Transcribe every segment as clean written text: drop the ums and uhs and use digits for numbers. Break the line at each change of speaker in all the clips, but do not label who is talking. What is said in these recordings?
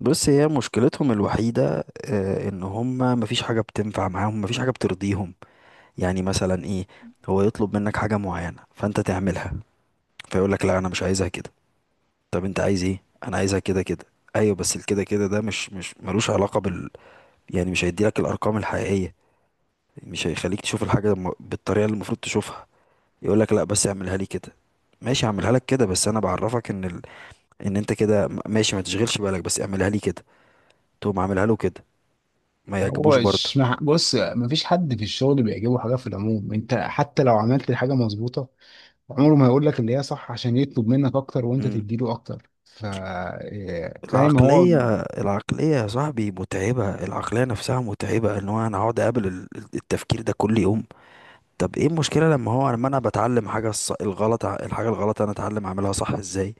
بص، هي مشكلتهم الوحيدة، ان هما مفيش حاجة بتنفع معاهم، مفيش حاجة بترضيهم. يعني مثلا ايه؟ هو يطلب منك حاجة معينة فانت تعملها، فيقولك لا، انا مش عايزها كده. طب انت عايز ايه؟ انا عايزها كده كده. ايوه، بس الكده كده ده مش ملوش علاقة بال... يعني مش هيديلك الارقام الحقيقية، مش هيخليك تشوف الحاجة بالطريقة اللي المفروض تشوفها. يقولك لا، بس اعملها لي كده. ماشي، هعملها لك كده، بس انا بعرفك ان ال... ان انت كده ماشي، ما تشغلش بالك، بس اعملها لي كده. تقوم عاملها له كده، ما يعجبوش
هو
برضه.
مش مع... بص، مفيش حد في الشغل بيعجبه حاجه في العموم. انت حتى لو عملت الحاجه مظبوطه، عمره ما هيقول لك اللي هي صح، عشان يطلب منك اكتر وانت
مم.
تديله اكتر. ف فاهم هو.
العقلية العقلية يا صاحبي متعبة، العقلية نفسها متعبة، ان هو انا اقعد اقابل التفكير ده كل يوم. طب ايه المشكلة لما هو لما انا بتعلم حاجة الغلط الحاجة الغلط، انا اتعلم اعملها صح ازاي؟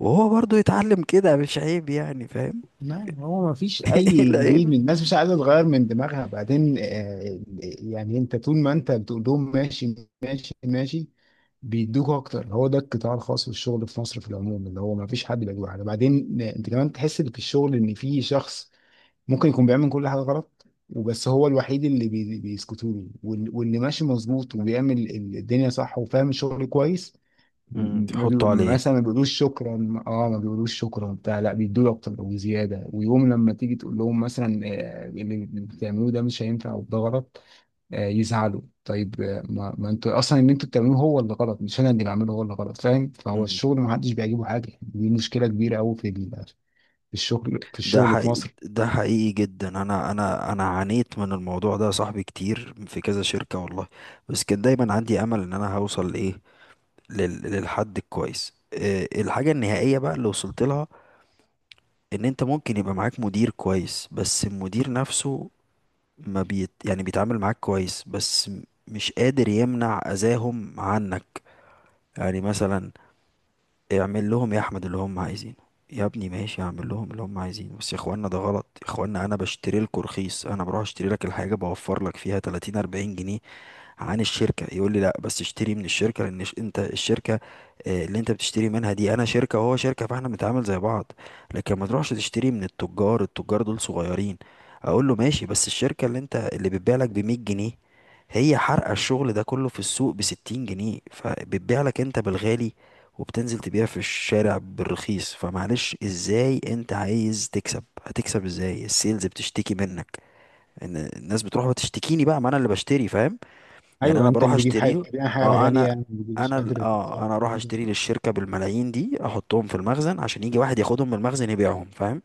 وهو برضو يتعلم كده، مش عيب يعني، فاهم؟
ما هو مفيش
ايه
اي جديد،
العيب؟
من الناس مش عايزه تغير من دماغها. بعدين يعني انت طول ما انت بتقول لهم ماشي ماشي ماشي، بيدوك اكتر. هو ده القطاع الخاص في الشغل في مصر في العموم، اللي هو مفيش حد بيعجبه حاجه. بعدين انت كمان تحس ان في الشغل، ان في شخص ممكن يكون بيعمل كل حاجة غلط وبس، هو الوحيد اللي بيسكتوا له، واللي ماشي مظبوط وبيعمل الدنيا صح وفاهم الشغل كويس،
مم،
م- ما بي...
تحطه عليه.
مثلا ما بيقولوش شكرا. اه ما بيقولوش شكرا بتاع، لا بيدوا اكتر وزياده. ويوم لما تيجي تقول لهم مثلا اللي بتعملوه ده مش هينفع وده غلط، يزعلوا. طيب ما انتوا اصلا اللي انتوا بتعملوه هو اللي غلط، مش انا اللي بعمله هو اللي غلط، فاهم. فهو
مم.
الشغل ما حدش بيعجبه حاجه، دي مشكله كبيره قوي في الشغل في
ده
الشغل في
حقيقي،
مصر.
ده حقيقي جدا، انا عانيت من الموضوع ده يا صاحبي كتير في كذا شركة والله. بس كان دايما عندي امل ان انا هوصل لايه، للحد الكويس، الحاجة النهائية بقى اللي وصلت لها. ان انت ممكن يبقى معاك مدير كويس، بس المدير نفسه ما بيت يعني بيتعامل معاك كويس، بس مش قادر يمنع اذاهم عنك. يعني مثلا، اعمل لهم يا احمد اللي هم عايزينه، يا ابني ماشي اعمل لهم اللي هم عايزينه، بس يا اخوانا ده غلط، يا اخوانا انا بشتري لكم رخيص، انا بروح اشتري لك الحاجة بوفر لك فيها 30 40 جنيه عن الشركة، يقول لي لا، بس اشتري من الشركة، لان انت الشركة، اللي انت بتشتري منها دي، انا شركة وهو شركة، فاحنا بنتعامل زي بعض، لكن ما تروحش تشتري من التجار، التجار دول صغيرين. اقول له ماشي، بس الشركة اللي بتبيع لك ب 100 جنيه هي حارقة الشغل ده كله في السوق ب 60 جنيه، فبتبيع لك انت بالغالي، وبتنزل تبيع في الشارع بالرخيص، فمعلش، ازاي انت عايز تكسب؟ هتكسب ازاي؟ السيلز بتشتكي منك ان الناس بتروح وتشتكيني بقى، ما انا اللي بشتري، فاهم؟ يعني
ايوه،
انا
انت
بروح
اللي بيجيب حاجه،
اشتريه.
يعني حاجه
اه، انا
غاليه، ما بيجيبش
انا
قدر
ال-
الرخيص أو
اه انا اروح
الكلام ده،
اشتري للشركه بالملايين دي، احطهم في المخزن عشان يجي واحد ياخدهم من المخزن يبيعهم، فاهم؟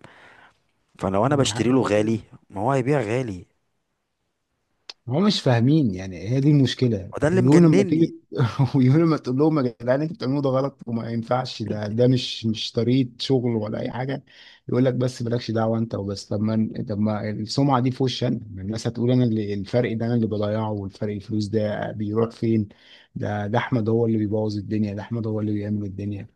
فلو انا
يعني
بشتري
حاجه
له غالي،
غريبه.
ما هو هيبيع غالي.
هم مش فاهمين، يعني هي دي المشكله.
وده اللي
ويقول لما
مجنني.
تيجي ويقول لما تقول لهم يا جدعان انتوا بتعملوه ده غلط وما ينفعش، ده مش طريقه شغل ولا اي حاجه، يقول لك بس مالكش دعوه انت وبس. طب ما السمعه دي في وشي انا، ما الناس هتقول انا اللي الفرق ده انا اللي بضيعه، والفرق الفلوس ده بيروح فين؟ ده احمد هو اللي بيبوظ الدنيا، ده احمد هو اللي بيعمل الدنيا.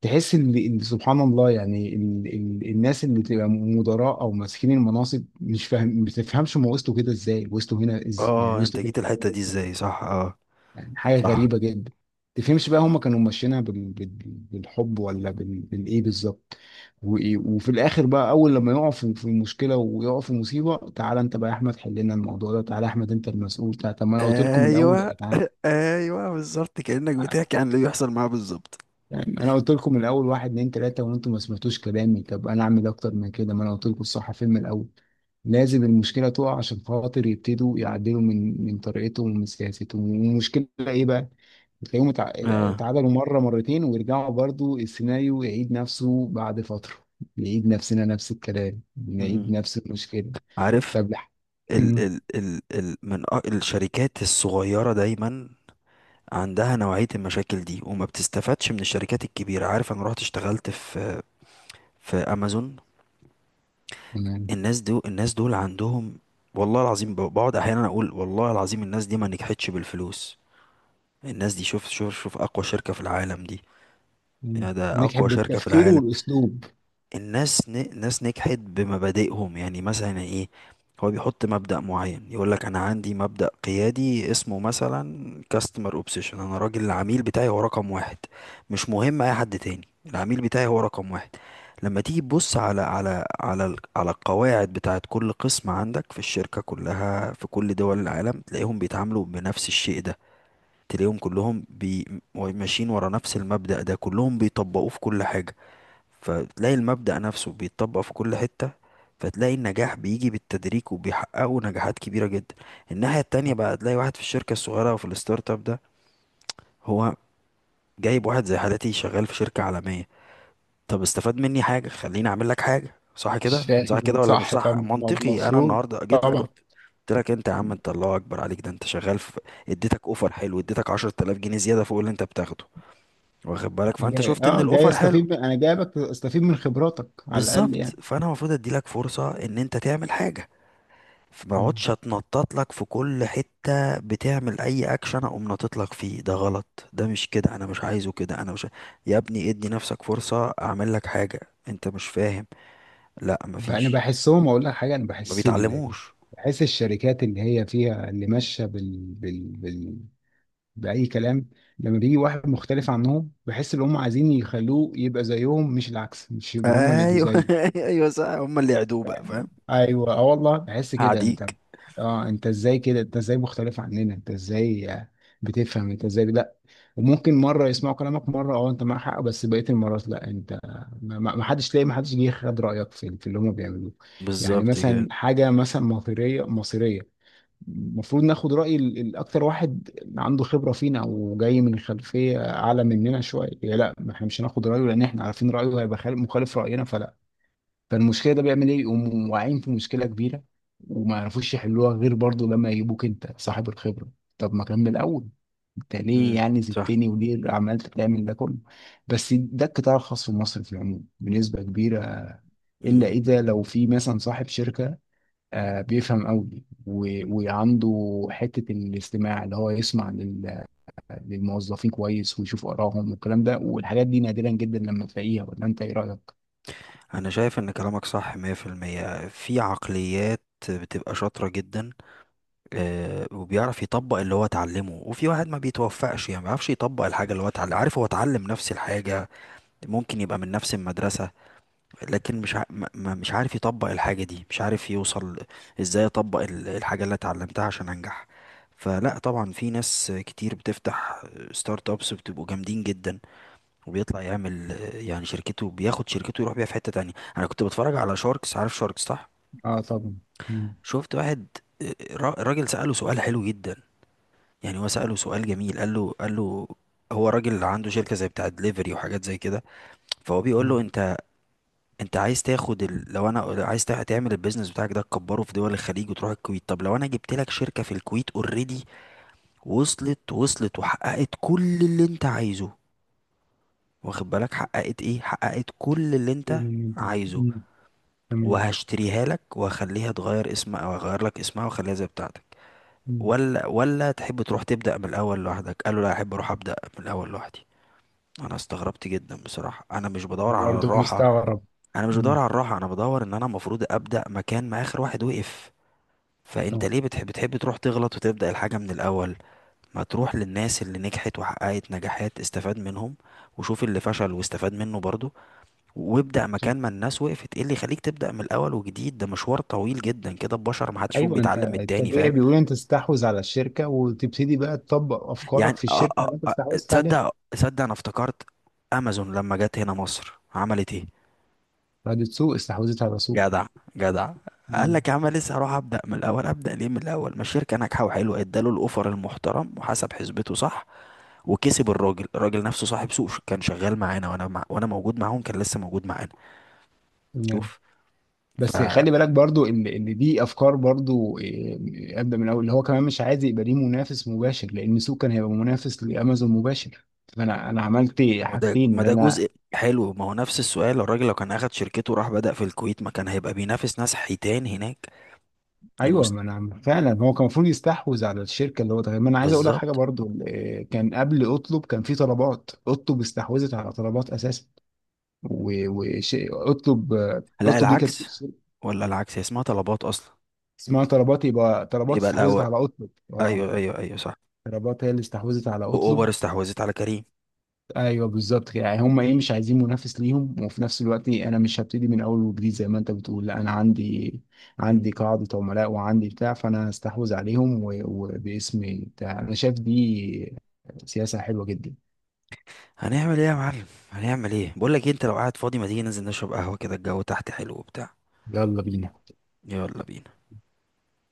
تحس ان سبحان الله، يعني الناس اللي بتبقى مدراء او ماسكين المناصب، مش فاهم ما بتفهمش هم وصلوا كده ازاي، وصلوا هنا يعني
اه، انت
وصلوا كده
جيت الحته دي
ازاي،
ازاي؟ صح، اه.
يعني حاجه
صح.
غريبه جدا. ما تفهمش بقى هم كانوا ماشيينها بالحب ولا بالايه بالظبط؟ وإيه، وفي الاخر بقى، اول لما يقعوا في مشكله ويقعوا في مصيبه، تعالى انت بقى يا احمد حل لنا الموضوع ده، تعالى يا احمد انت المسؤول، تعالى. طب ما انا قلت لكم من الاول يا
ايوه
جدعان،
ايوه، بالظبط، كانك بتحكي عن اللي بيحصل معاه بالظبط.
يعني انا قلت لكم من الاول واحد اتنين تلاته وانتم ما سمعتوش كلامي. طب انا اعمل اكتر من كده؟ ما انا قلت لكم الصح فين من الاول. لازم المشكله تقع عشان خاطر يبتدوا يعدلوا من طريقتهم ومن سياستهم، والمشكله ايه بقى؟ بتلاقيهم اتع-
اه،
اتعادلوا مره مرتين ويرجعوا برضو، السيناريو يعيد نفسه بعد فتره. نعيد نفسنا، نفس الكلام،
م- م.
نعيد نفس المشكله.
عارف.
طب لح
ال
امم،
ال ال ال من الشركات الصغيره دايما عندها نوعية المشاكل دي، وما بتستفادش من الشركات الكبيرة، عارف؟ انا رحت اشتغلت في امازون.
تمام.
الناس دول عندهم، والله العظيم بقعد احيانا اقول والله العظيم الناس دي ما نجحتش بالفلوس، الناس دي، شوف شوف شوف، اقوى شركة في العالم دي.
مم.
يعني ده
نجحت
اقوى شركة في
بالتفكير
العالم.
والاسلوب.
ناس نجحت بمبادئهم. يعني مثلا ايه؟ هو بيحط مبدأ معين، يقول لك انا عندي مبدأ قيادي اسمه مثلا customer obsession. انا راجل، العميل بتاعي هو رقم واحد، مش مهم اي حد تاني، العميل بتاعي هو رقم واحد. لما تيجي تبص على على القواعد بتاعت كل قسم عندك في الشركة كلها في كل دول العالم، تلاقيهم بيتعاملوا بنفس الشيء ده. تلاقيهم كلهم ماشيين ورا نفس المبدأ ده، كلهم بيطبقوه في كل حاجة. فتلاقي المبدأ نفسه بيتطبق في كل حتة، فتلاقي النجاح بيجي بالتدريج، وبيحققوا نجاحات كبيرة جدا. الناحية التانية بقى، تلاقي واحد في الشركة الصغيرة وفي الستارت اب ده، هو جايب واحد زي حالتي شغال في شركة عالمية. طب استفاد مني حاجة، خليني اعمل لك حاجة صح كده،
مش
صح
فاهم
كده ولا مش
صح، طب
صح منطقي؟ انا
المفروض
النهاردة جيت لك،
طبعا.
قلت، قلت لك انت يا عم، انت الله اكبر عليك، ده انت شغال في، اديتك اوفر حلو، اديتك 10000 جنيه زيادة فوق اللي انت بتاخده، واخد بالك،
أنا
فانت
جاي
شفت ان
اه جاي
الاوفر حلو.
استفيد انا جايبك استفيد من خبراتك على الاقل
بالظبط،
يعني.
فانا المفروض اديلك فرصه ان انت تعمل حاجه، فما
مم.
اقعدش اتنطط لك في كل حته، بتعمل اي اكشن اقوم ناطط لك فيه. ده غلط، ده مش كده، انا مش عايزه كده، انا مش ع- يا ابني ادي نفسك فرصه، اعمل لك حاجه. انت مش فاهم. لا،
انا
مفيش،
بحسهم، اقول لك حاجه،
ما بيتعلموش.
بحس الشركات اللي هي فيها، اللي ماشيه باي كلام، لما بيجي واحد مختلف عنهم، بحس ان هم عايزين يخلوه يبقى زيهم، مش العكس، مش يبقوا هم اللي يبقوا
ايوه
زيه.
ايوه صح، هم اللي يعدوه بقى، فاهم؟
ايوه، اه والله بحس كده.
هعديك.
انت اه، انت ازاي كده، انت ازاي مختلف عننا، انت ازاي بتفهم، انت ازاي؟ لا. وممكن مره يسمعوا كلامك، مره اه انت معاك حق، بس بقيه المرات لا. انت ما حدش تلاقي ما حدش جه خد رايك في اللي هم بيعملوه، يعني
بالظبط
مثلا
كده.
حاجه مثلا مصيريه مصيريه، المفروض ناخد راي الاكتر واحد عنده خبره فينا وجاي من خلفيه اعلى مننا شويه. لا، ما احنا مش هناخد رايه لان احنا عارفين رايه هيبقى مخالف راينا، فلا. فالمشكله ده بيعمل ايه، يقوموا واقعين في مشكله كبيره وما يعرفوش يحلوها غير برضه لما يجيبوك انت صاحب الخبره. طب ما كان من الاول، انت ليه
امم.
يعني
صح.
زدتني وليه تعمل ده كله؟ بس ده القطاع الخاص في مصر في العموم بنسبه كبيره، الا
امم.
اذا لو في مثلا صاحب شركه بيفهم قوي وعنده حته الاستماع، اللي هو يسمع للموظفين كويس ويشوف ارائهم والكلام ده والحاجات دي، نادرا جدا لما تلاقيها. ولا انت ايه رايك؟
انا شايف ان كلامك صح 100% في المية. في عقليات بتبقى شاطره جدا، وبيعرف يطبق اللي هو اتعلمه، وفي واحد ما بيتوفقش، يعني ما بيعرفش يطبق الحاجة اللي هو اتعلم، عارف؟ هو اتعلم نفس الحاجة، ممكن يبقى من نفس المدرسة، لكن مش ع... ما ما- مش عارف يطبق الحاجة دي، مش عارف يوصل ازاي اطبق الحاجة اللي اتعلمتها عشان انجح. فلا طبعا، في ناس كتير بتفتح ستارت ابس، بتبقوا جامدين جدا، وبيطلع يعمل يعني شركته، بياخد شركته يروح بيها في حتة تانية. انا كنت بتفرج على شاركس، عارف شاركس صح؟
اه طبعا. مم.
شفت واحد، راجل سأله سؤال حلو جدا، يعني هو سأله سؤال جميل، قال له، هو راجل عنده شركة زي بتاع دليفري وحاجات زي كده، فهو بيقول له
مم.
انت، لو انا عايز تعمل البيزنس بتاعك ده تكبره في دول الخليج وتروح الكويت، طب لو انا جبت لك شركة في الكويت اوريدي، وصلت وحققت كل اللي انت عايزه، واخد بالك، حققت ايه؟ حققت كل اللي انت
طول المدة.
عايزه،
مم. تمام.
وهشتريها لك وهخليها تغير اسمها، او هغير لك اسمها واخليها زي بتاعتك،
مم.
ولا تحب تروح تبدأ من الاول لوحدك؟ قال له لا، احب اروح ابدأ من الاول لوحدي. انا استغربت جدا بصراحه. انا مش بدور
أنا
على
برضه
الراحه،
مستغرب.
انا مش بدور
مم.
على الراحه، انا بدور ان انا المفروض ابدا مكان ما اخر واحد وقف. فانت
آه.
ليه بتحب تروح تغلط وتبدا الحاجه من الاول؟ ما تروح للناس اللي نجحت وحققت نجاحات استفاد منهم، وشوف اللي فشل واستفاد منه برضه، وابدا مكان ما الناس وقفت. ايه اللي يخليك تبدا من الاول وجديد؟ ده مشوار طويل جدا كده، البشر ما حدش فيهم
أيوه، أنت
بيتعلم من التاني،
الطبيعي
فاهم؟
بيقول أنت تستحوذ على الشركة وتبتدي بقى تطبق
يعني
أفكارك في الشركة اللي أنت استحوذت عليها.
تصدق انا افتكرت امازون لما جت هنا مصر عملت ايه؟
بعد سوق، استحوذت على سوق.
جدع، جدع. قال
مم.
لك يا عم لسه هروح ابدا من الاول؟ ابدا ليه من الاول ما الشركه ناجحه وحلوه؟ اداله الاوفر المحترم وحسب حسبته صح، وكسب الراجل. الراجل نفسه صاحب سوق كان شغال معانا، وانا موجود معاهم، كان لسه موجود معانا.
تمام.
شوف، ف
بس خلي بالك برضو ان دي افكار برضو ابدا من الاول، اللي هو كمان مش عايز يبقى ليه منافس مباشر، لان سوق كان هيبقى منافس لامازون مباشر. فانا عملت
ما ده
حاجتين،
ما
اللي
ده
انا.
جزء حلو، ما هو نفس السؤال. الراجل لو كان اخد شركته وراح بدأ في الكويت ما كان هيبقى بينافس ناس حيتان هناك؟
ايوه،
المست...
ما انا فعلا هو كان المفروض يستحوذ على الشركه اللي هو ده. ما انا عايز اقول لك حاجه
بالظبط.
برضو، كان قبل اطلب كان في طلبات. اطلب استحوذت على طلبات اساسا، وش اطلب،
لا،
اطلب دي كانت
العكس، ولا العكس، هي اسمها طلبات اصلا،
اسمها طلبات. يبقى طلبات
يبقى
استحوذت
الاول،
على اطلب، اه.
ايوه ايوه ايوه صح.
طلبات هي اللي استحوذت على
واوبر
اطلب.
استحوذت على كريم.
ايوه بالظبط كده، يعني هم ايه مش عايزين منافس ليهم، وفي نفس الوقت انا مش هبتدي من اول وجديد زي ما انت بتقول، لا انا عندي قاعده عملاء وعندي بتاع، فانا هستحوذ عليهم وباسمي بتاع. انا شايف دي سياسه حلوه جدا.
هنعمل ايه يا معلم؟ هنعمل ايه؟ بقول لك انت لو قاعد فاضي ما تيجي ننزل نشرب قهوه كده، الجو تحت حلو وبتاع.
يلا بينا.
يلا بينا.